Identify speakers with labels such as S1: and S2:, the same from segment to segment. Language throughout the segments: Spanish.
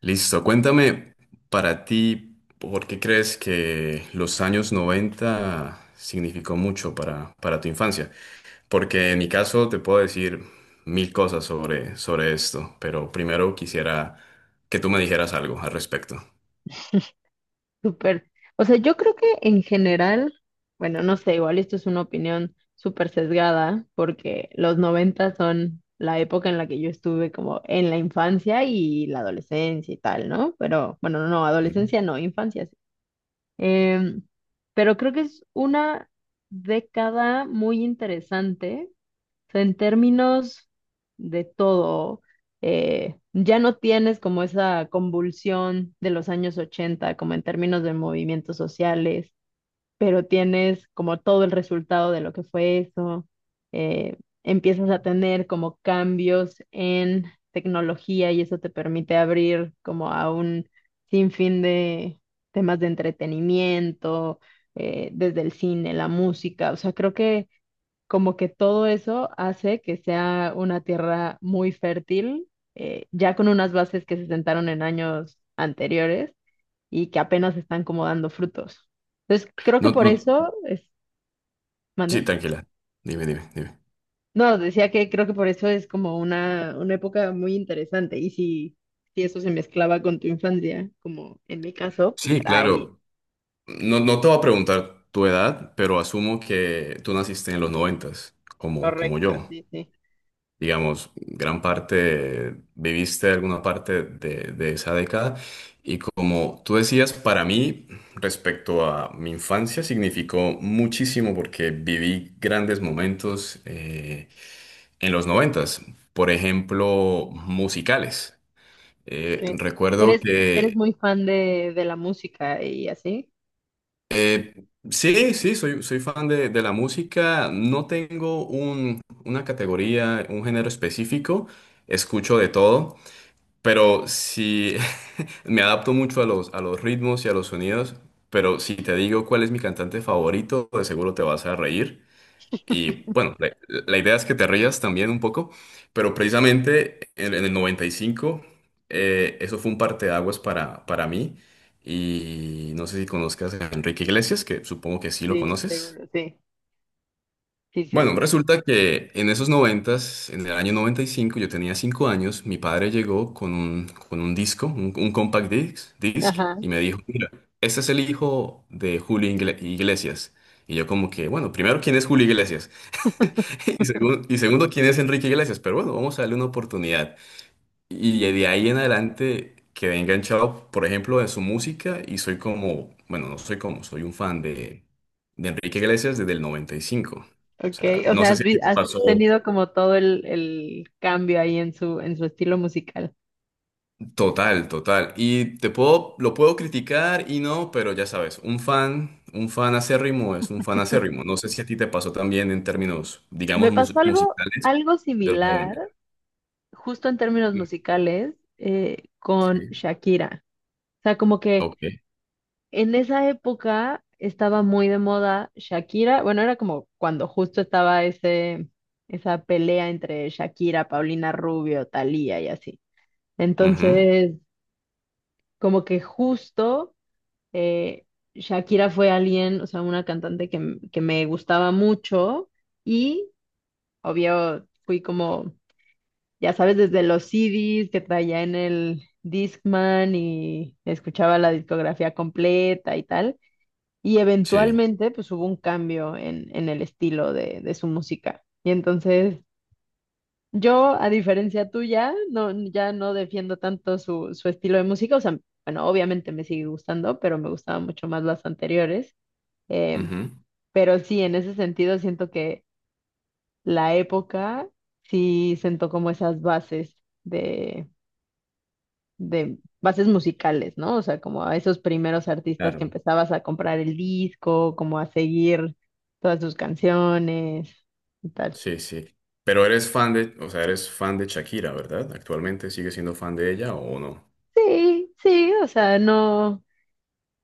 S1: Listo, cuéntame para ti, ¿por qué crees que los años 90 significó mucho para tu infancia? Porque en mi caso te puedo decir mil cosas sobre esto, pero primero quisiera que tú me dijeras algo al respecto.
S2: Súper. O sea, yo creo que en general, bueno, no sé, igual esto es una opinión súper sesgada, porque los 90 son la época en la que yo estuve como en la infancia y la adolescencia y tal, ¿no? Pero bueno, no, no,
S1: Ujú.
S2: adolescencia no, infancia sí. Em, pero creo que es una década muy interesante sea, en términos de todo, ya no tienes como esa convulsión de los años 80 como en términos de movimientos sociales, pero tienes como todo el resultado de lo que fue eso. Eh, empiezas a tener como cambios en tecnología y eso te permite abrir como a un sinfín de temas de entretenimiento, desde el cine, la música, o sea, creo que como que todo eso hace que sea una tierra muy fértil, ya con unas bases que se sentaron en años anteriores y que apenas están como dando frutos. Entonces, creo
S1: No,
S2: que por
S1: no,
S2: eso es,
S1: sí,
S2: ¿mande?
S1: tranquila. Dime, dime, dime.
S2: No, decía que creo que por eso es como una época muy interesante. Y si eso se mezclaba con tu infancia, como en mi caso, pues
S1: Sí,
S2: ahí,
S1: claro. No, no te voy a preguntar tu edad, pero asumo que tú naciste en los noventas, como
S2: correcto,
S1: yo.
S2: sí, sí.
S1: Digamos, gran parte, viviste alguna parte de esa década. Y como tú decías, para mí, respecto a mi infancia, significó muchísimo porque viví grandes momentos en los noventas, por ejemplo, musicales. Eh,
S2: Ok.
S1: recuerdo
S2: ¿Eres, eres
S1: que
S2: muy fan de la música y así?
S1: sí, sí, soy fan de la música. No tengo una categoría, un género específico. Escucho de todo. Pero si Me adapto mucho a los ritmos y a los sonidos, pero si te digo cuál es mi cantante favorito, de seguro te vas a reír. Y bueno, la idea es que te rías también un poco, pero precisamente en el 95, eso fue un parteaguas para mí. Y no sé si conozcas a Enrique Iglesias, que supongo que sí lo
S2: Sí,
S1: conoces.
S2: seguro, sí, sí, sí.
S1: Bueno, resulta que en esos noventas, en el año 95, yo tenía 5 años, mi padre llegó con un disco, un compact disc,
S2: Ajá,
S1: y me dijo, mira, este es el hijo de Julio Iglesias. Y yo como que, bueno, primero, ¿quién es Julio Iglesias? Y segundo, ¿quién es Enrique Iglesias? Pero bueno, vamos a darle una oportunidad. Y de ahí en adelante quedé enganchado, por ejemplo, de su música y soy como, bueno, no soy como, soy un fan de Enrique Iglesias desde el 95. O sea,
S2: okay. O
S1: no
S2: sea,
S1: sé
S2: has,
S1: si a ti te
S2: has
S1: pasó.
S2: tenido como todo el cambio ahí en su estilo musical.
S1: Total, total. Y te puedo, lo puedo criticar y no, pero ya sabes, un fan acérrimo es un fan acérrimo. No sé si a ti te pasó también en términos, digamos,
S2: Me pasó algo,
S1: musicales
S2: algo
S1: de los
S2: similar,
S1: 90.
S2: justo en términos musicales, con
S1: Sí.
S2: Shakira. O sea, como que
S1: Ok.
S2: en esa época estaba muy de moda Shakira. Bueno, era como cuando justo estaba ese, esa pelea entre Shakira, Paulina Rubio, Thalía y así.
S1: Ujú.
S2: Entonces, como que justo. eh, Shakira fue alguien, o sea, una cantante que, que me gustaba mucho y obvio fui como, ya sabes, desde los CDs que traía en el Discman y escuchaba la discografía completa y tal. Y
S1: Sí.
S2: eventualmente pues hubo un cambio en el estilo de su música. Y entonces yo, a diferencia tuya, no, ya no defiendo tanto su, su estilo de música, o sea, bueno, obviamente me sigue gustando, pero me gustaban mucho más las anteriores. Eh,
S1: Ujú.
S2: pero sí, en ese sentido siento que la época sí sentó como esas bases de, de bases musicales, ¿no? O sea, como a esos primeros artistas que
S1: Claro.
S2: empezabas a comprar el disco, como a seguir todas sus canciones y tal.
S1: Sí, sí. Pero eres fan de, o sea, eres fan de Shakira, ¿verdad? ¿Actualmente sigues siendo fan de ella o no?
S2: Sí, sí, o sea, no,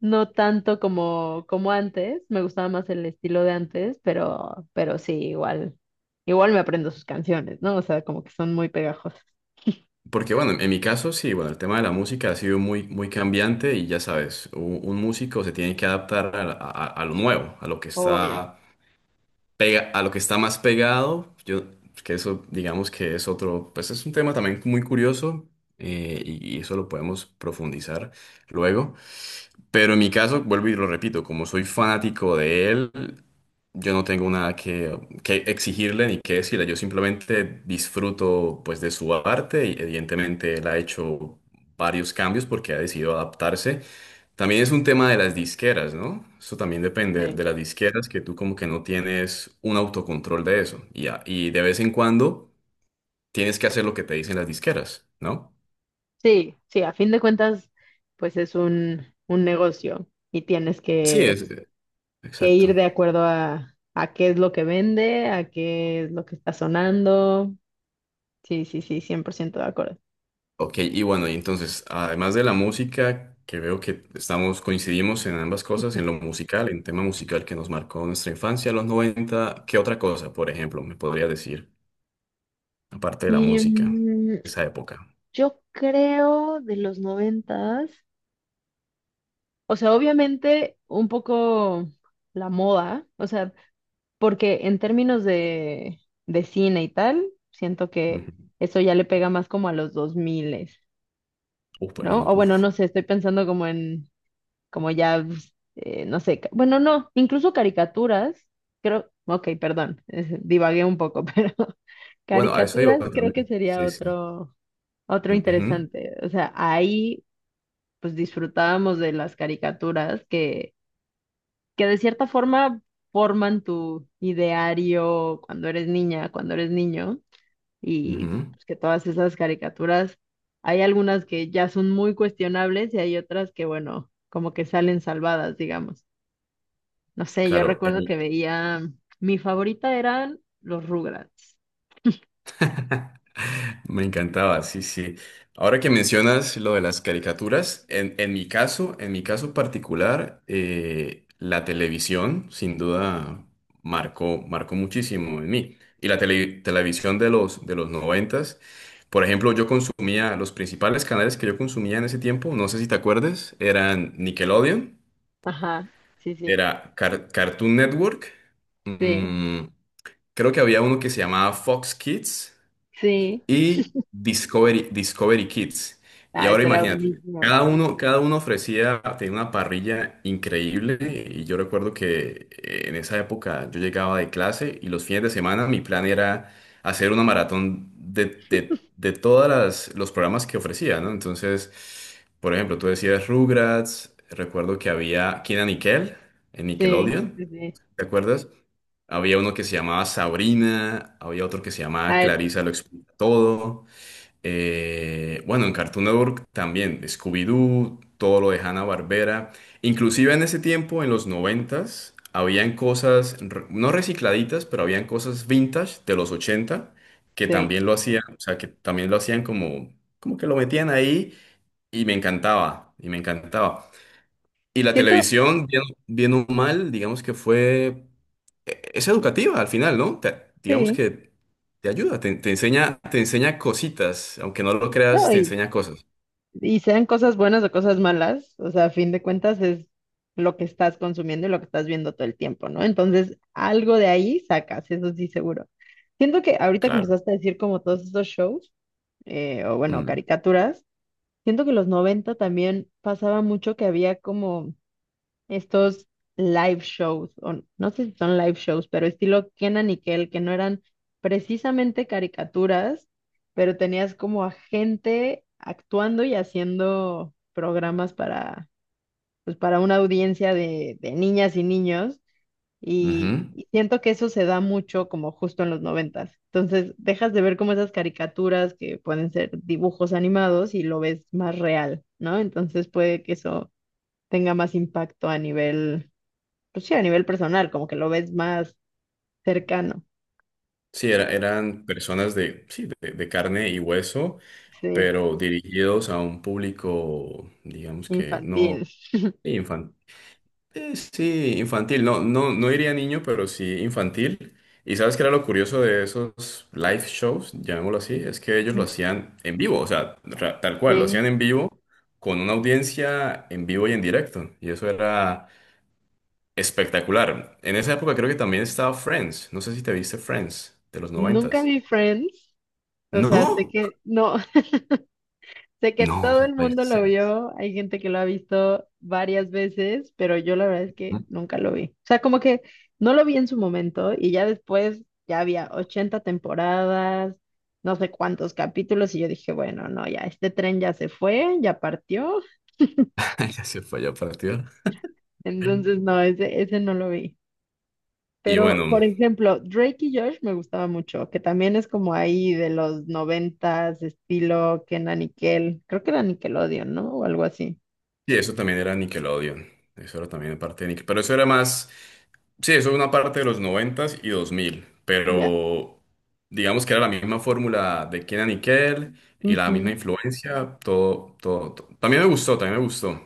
S2: no tanto como, como antes, me gustaba más el estilo de antes, pero sí, igual me aprendo sus canciones, ¿no? O sea, como que son muy pegajosas.
S1: Porque bueno, en mi caso sí, bueno, el tema de la música ha sido muy, muy cambiante y ya sabes, un músico se tiene que adaptar a lo nuevo, a lo que
S2: Obvio.
S1: está pega, a lo que está más pegado. Yo, que eso digamos que es otro, pues es un tema también muy curioso y eso lo podemos profundizar luego. Pero en mi caso, vuelvo y lo repito, como soy fanático de él, yo no tengo nada que exigirle ni que decirle. Yo simplemente disfruto pues de su arte y evidentemente él ha hecho varios cambios porque ha decidido adaptarse. También es un tema de las disqueras, ¿no? Eso también depende
S2: Sí.
S1: de las disqueras, que tú como que no tienes un autocontrol de eso. Y de vez en cuando tienes que hacer lo que te dicen las disqueras, ¿no?
S2: Sí, sí, a fin de cuentas, pues es un negocio y tienes
S1: Sí,
S2: que,
S1: es
S2: que ir
S1: exacto.
S2: de acuerdo a qué es lo que vende, a qué es lo que está sonando. Sí, sí, sí, 100% de acuerdo.
S1: Ok, y bueno, y entonces, además de la música, que veo que estamos, coincidimos en ambas cosas, en lo musical, en tema musical que nos marcó nuestra infancia, los 90, ¿qué otra cosa, por ejemplo, me podría decir, aparte de la
S2: Y
S1: música, esa época?
S2: yo creo de los noventas, o sea, obviamente un poco la moda, o sea, porque en términos de cine y tal, siento que
S1: Ujú.
S2: eso ya le pega más como a los 2000.
S1: Uf, bueno,
S2: ¿No?
S1: no,
S2: O bueno,
S1: uf.
S2: no sé, estoy pensando como en, como ya, pues, no sé, bueno, no, incluso caricaturas, creo, ok, perdón, divagué un poco, pero
S1: Bueno, a eso iba
S2: caricaturas creo que
S1: también.
S2: sería
S1: Sí, sí.
S2: otro
S1: Ujú,
S2: interesante. O sea, ahí pues disfrutábamos de las caricaturas que de cierta forma forman tu ideario cuando eres niña, cuando eres niño y
S1: ujú.
S2: pues, que todas esas caricaturas, hay algunas que ya son muy cuestionables y hay otras que, bueno, como que salen salvadas, digamos. No sé, yo
S1: Claro, en
S2: recuerdo
S1: mi,
S2: que veía, mi favorita eran los Rugrats.
S1: Me encantaba, sí, sí. Ahora que mencionas lo de las caricaturas, en mi caso, en mi caso particular, la televisión sin duda marcó, marcó muchísimo en mí. Y la televisión de los noventas, por ejemplo, yo consumía, los principales canales que yo consumía en ese tiempo, no sé si te acuerdas, eran Nickelodeon,
S2: Ajá, sí, sí,
S1: era Cartoon Network,
S2: sí,
S1: mm, creo que había uno que se llamaba Fox Kids
S2: sí.
S1: y Discovery, Discovery Kids. Y
S2: Ah,
S1: ahora
S2: ese era
S1: imagínate,
S2: buenísimo.
S1: cada uno ofrecía, tenía una parrilla increíble y yo recuerdo que en esa época yo llegaba de clase y los fines de semana mi plan era hacer una maratón de todos los programas que ofrecía, ¿no? Entonces, por ejemplo, tú decías Rugrats, recuerdo que había Kina Nickel en
S2: Sí,
S1: Nickelodeon,
S2: sí, sí.
S1: ¿te acuerdas? Había uno que se llamaba Sabrina, había otro que se
S2: A
S1: llamaba
S2: ver,
S1: Clarissa lo todo. Bueno, en Cartoon Network también, Scooby-Doo, todo lo de Hanna-Barbera. Inclusive en ese tiempo, en los noventas, habían cosas, no recicladitas, pero habían cosas vintage de los 80 que
S2: sí.
S1: también lo hacían, o sea, que también lo hacían como que lo metían ahí y me encantaba, y me encantaba. Y la
S2: Siento,
S1: televisión, bien, bien o mal, digamos que fue, es educativa al final, ¿no? Digamos
S2: sí.
S1: que te ayuda, te enseña, te enseña cositas, aunque no lo creas,
S2: No,
S1: te
S2: y
S1: enseña cosas.
S2: Sean cosas buenas o cosas malas, o sea, a fin de cuentas es lo que estás consumiendo y lo que estás viendo todo el tiempo, ¿no? Entonces, algo de ahí sacas, eso sí seguro. Siento que ahorita que
S1: Claro.
S2: empezaste a decir como todos estos shows, o bueno,
S1: Mm,
S2: caricaturas, siento que los 90 también pasaba mucho que había como estos live shows, o no sé si son live shows, pero estilo Kenan y Kel, que no eran precisamente caricaturas, pero tenías como a gente actuando y haciendo programas para, pues para una audiencia de niñas y niños, y,
S1: ujú.
S2: y siento que eso se da mucho como justo en los noventas. Entonces, dejas de ver como esas caricaturas que pueden ser dibujos animados y lo ves más real, ¿no? Entonces puede que eso tenga más impacto a nivel pues sí, a nivel personal, como que lo ves más cercano,
S1: Sí,
S2: o sea,
S1: eran personas de, sí, de carne y hueso,
S2: sí,
S1: pero dirigidos a un público, digamos que no.
S2: infantil.
S1: Sí, infantil, no, no, no iría niño, pero sí infantil. Y sabes que era lo curioso de esos live shows, llamémoslo así, es que ellos lo
S2: Ujú.
S1: hacían en vivo, o sea, tal cual, lo hacían
S2: Sí,
S1: en vivo con una audiencia en vivo y en directo. Y eso era espectacular. En esa época creo que también estaba Friends, no sé si te viste Friends de los
S2: nunca
S1: noventas.
S2: vi Friends, o sea, sé
S1: ¿No?
S2: que, no, sé que
S1: No,
S2: todo
S1: no
S2: el
S1: puede
S2: mundo
S1: ser.
S2: lo vio, hay gente que lo ha visto varias veces, pero yo la verdad es que nunca lo vi. O sea, como que no lo vi en su momento y ya después ya había 80 temporadas, no sé cuántos capítulos y yo dije, bueno, no, ya este tren ya se fue, ya partió,
S1: Ya se fue ya partido.
S2: entonces no, ese no lo vi.
S1: Y
S2: Pero,
S1: bueno,
S2: por ejemplo, Drake y Josh me gustaba mucho, que también es como ahí de los noventas, estilo que era Nickel, creo que era Nickelodeon, ¿no? O algo así.
S1: y eso también era Nickelodeon. Eso era también parte de Nickelodeon. Pero eso era más. Sí, eso es una parte de los noventas y 2000,
S2: Ya.
S1: pero digamos que era la misma fórmula de Kenan y Kel y la misma
S2: Ujú.
S1: influencia, todo, todo, todo. También me gustó, también me gustó.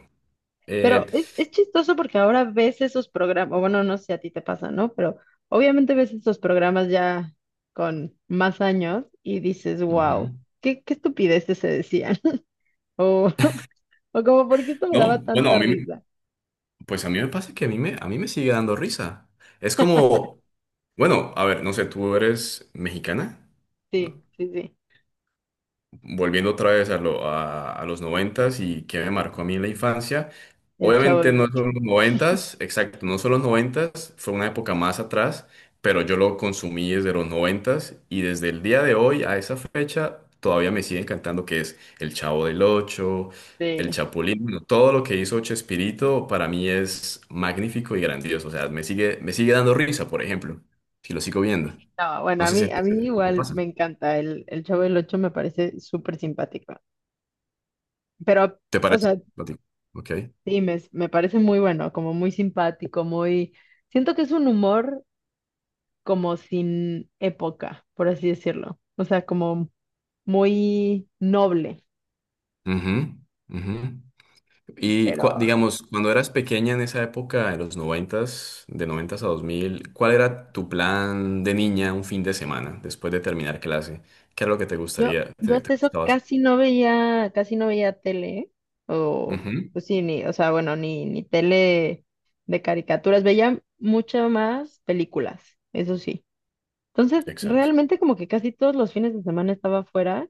S1: Eh,
S2: Pero es chistoso porque ahora ves esos programas, bueno, no sé si a ti te pasa, ¿no? Pero obviamente ves esos programas ya con más años y dices, wow,
S1: Ujú.
S2: qué estupideces se decían. O, o como, ¿por qué esto me
S1: No,
S2: daba
S1: bueno, a
S2: tanta
S1: mí,
S2: risa?
S1: pues a mí me pasa que a mí me sigue dando risa. Es como, bueno, a ver, no sé, ¿tú eres mexicana?
S2: Sí, sí, sí.
S1: Volviendo otra vez a los noventas y que me marcó a mí en la infancia,
S2: El Chavo
S1: obviamente
S2: del
S1: no
S2: Ocho.
S1: son los noventas, exacto, no son los noventas, fue una época más atrás, pero yo lo consumí desde los noventas y desde el día de hoy a esa fecha todavía me sigue encantando que es El Chavo del Ocho, El
S2: Sí.
S1: Chapulín, bueno, todo lo que hizo Chespirito para mí es magnífico y grandioso, o sea, me sigue dando risa, por ejemplo, si lo sigo viendo.
S2: No, bueno,
S1: No sé si
S2: a
S1: te,
S2: mí
S1: te
S2: igual
S1: pasa.
S2: me encanta. El Chavo del Ocho me parece súper simpático. Pero,
S1: ¿Te
S2: o
S1: parece?
S2: sea,
S1: ¿A ti? Ok.
S2: sí, me parece muy bueno, como muy simpático, muy. Siento que es un humor como sin época, por así decirlo. O sea, como muy noble.
S1: Ujú, ujú. Y
S2: Pero
S1: digamos, cuando eras pequeña en esa época, de los noventas, de noventas a 2000, ¿cuál era tu plan de niña un fin de semana después de terminar clase? ¿Qué era lo que te
S2: yo,
S1: gustaría,
S2: yo
S1: te
S2: hasta eso
S1: gustaba hacer?
S2: casi no veía tele, ¿eh? O,
S1: Ujú.
S2: pues sí, ni, o sea, bueno, ni tele de caricaturas. Veía mucho más películas, eso sí. Entonces,
S1: Exacto.
S2: realmente como que casi todos los fines de semana estaba afuera.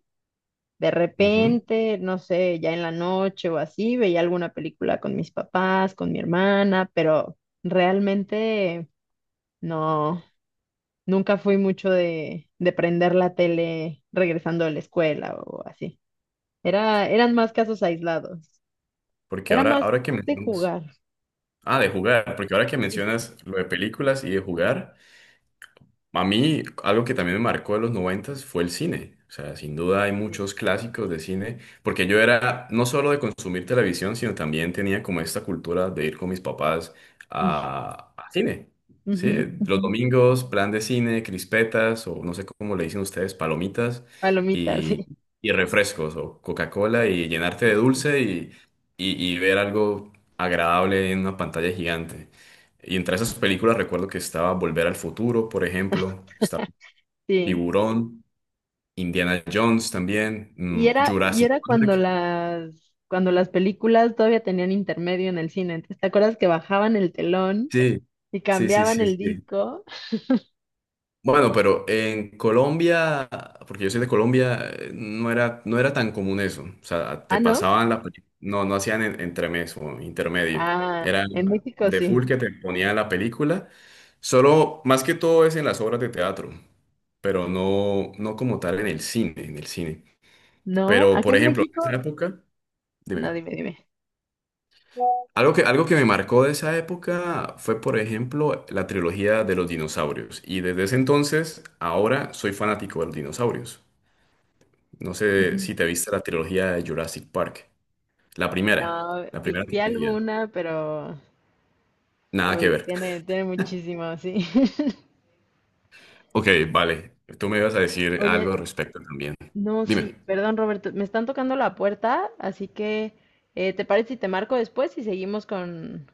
S2: De
S1: Ujú.
S2: repente, no sé, ya en la noche o así, veía alguna película con mis papás, con mi hermana, pero realmente no, nunca fui mucho de prender la tele regresando de la escuela o así. Era, eran más casos aislados.
S1: Porque
S2: Era
S1: ahora,
S2: más
S1: ahora que
S2: de
S1: mencionas,
S2: jugar.
S1: ah, de jugar, porque ahora que mencionas lo de películas y de jugar. A mí, algo que también me marcó de los noventas fue el cine. O sea, sin duda hay
S2: Sí.
S1: muchos clásicos de cine, porque yo era no solo de consumir televisión, sino también tenía como esta cultura de ir con mis papás a cine. Sí,
S2: Ujú,
S1: los
S2: ujú.
S1: domingos, plan de cine, crispetas, o no sé cómo le dicen ustedes, palomitas
S2: Palomitas,
S1: y, y refrescos, o Coca-Cola, y llenarte de
S2: sí.
S1: dulce y ver algo agradable en una pantalla gigante. Y entre esas películas recuerdo que estaba Volver al Futuro, por ejemplo, estaba
S2: Sí.
S1: Tiburón, Indiana Jones también,
S2: Y era, y
S1: Jurassic
S2: era
S1: Park.
S2: cuando las películas todavía tenían intermedio en el cine. Entonces, ¿te acuerdas que bajaban el telón
S1: Sí,
S2: y
S1: sí, sí,
S2: cambiaban
S1: sí,
S2: el
S1: sí.
S2: disco?
S1: Bueno, pero en Colombia, porque yo soy de Colombia, no era tan común eso. O sea, te
S2: Ah, ¿no?
S1: pasaban la película, no, no hacían entremés o intermedio.
S2: Ah,
S1: Era
S2: en México
S1: de full
S2: sí.
S1: que te ponían la película. Solo, más que todo es en las obras de teatro, pero no, no como tal en el cine, en el cine.
S2: No,
S1: Pero,
S2: aquí
S1: por
S2: en
S1: ejemplo, en esa
S2: México,
S1: época,
S2: no,
S1: dime,
S2: dime, dime.
S1: algo que me marcó de esa época fue, por ejemplo, la trilogía de los dinosaurios. Y desde ese entonces, ahora soy fanático de los dinosaurios. No sé
S2: Ujú.
S1: si te viste la trilogía de Jurassic Park. La
S2: No,
S1: primera, la
S2: vi,
S1: primera
S2: vi
S1: trilogía.
S2: alguna, pero,
S1: Nada que
S2: uy,
S1: ver.
S2: tiene, tiene muchísimo, sí.
S1: Ok, vale. Tú me ibas a decir algo
S2: Oye,
S1: al respecto también.
S2: no, sí,
S1: Dime.
S2: perdón, Roberto, me están tocando la puerta, así que, ¿te parece si te marco después y seguimos con,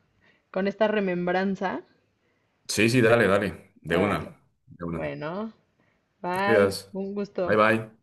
S2: con esta remembranza?
S1: Sí, sí, dale, dale. De una.
S2: Órale.
S1: De una.
S2: Bueno,
S1: Te
S2: bye.
S1: cuidas.
S2: Un
S1: Bye,
S2: gusto.
S1: bye.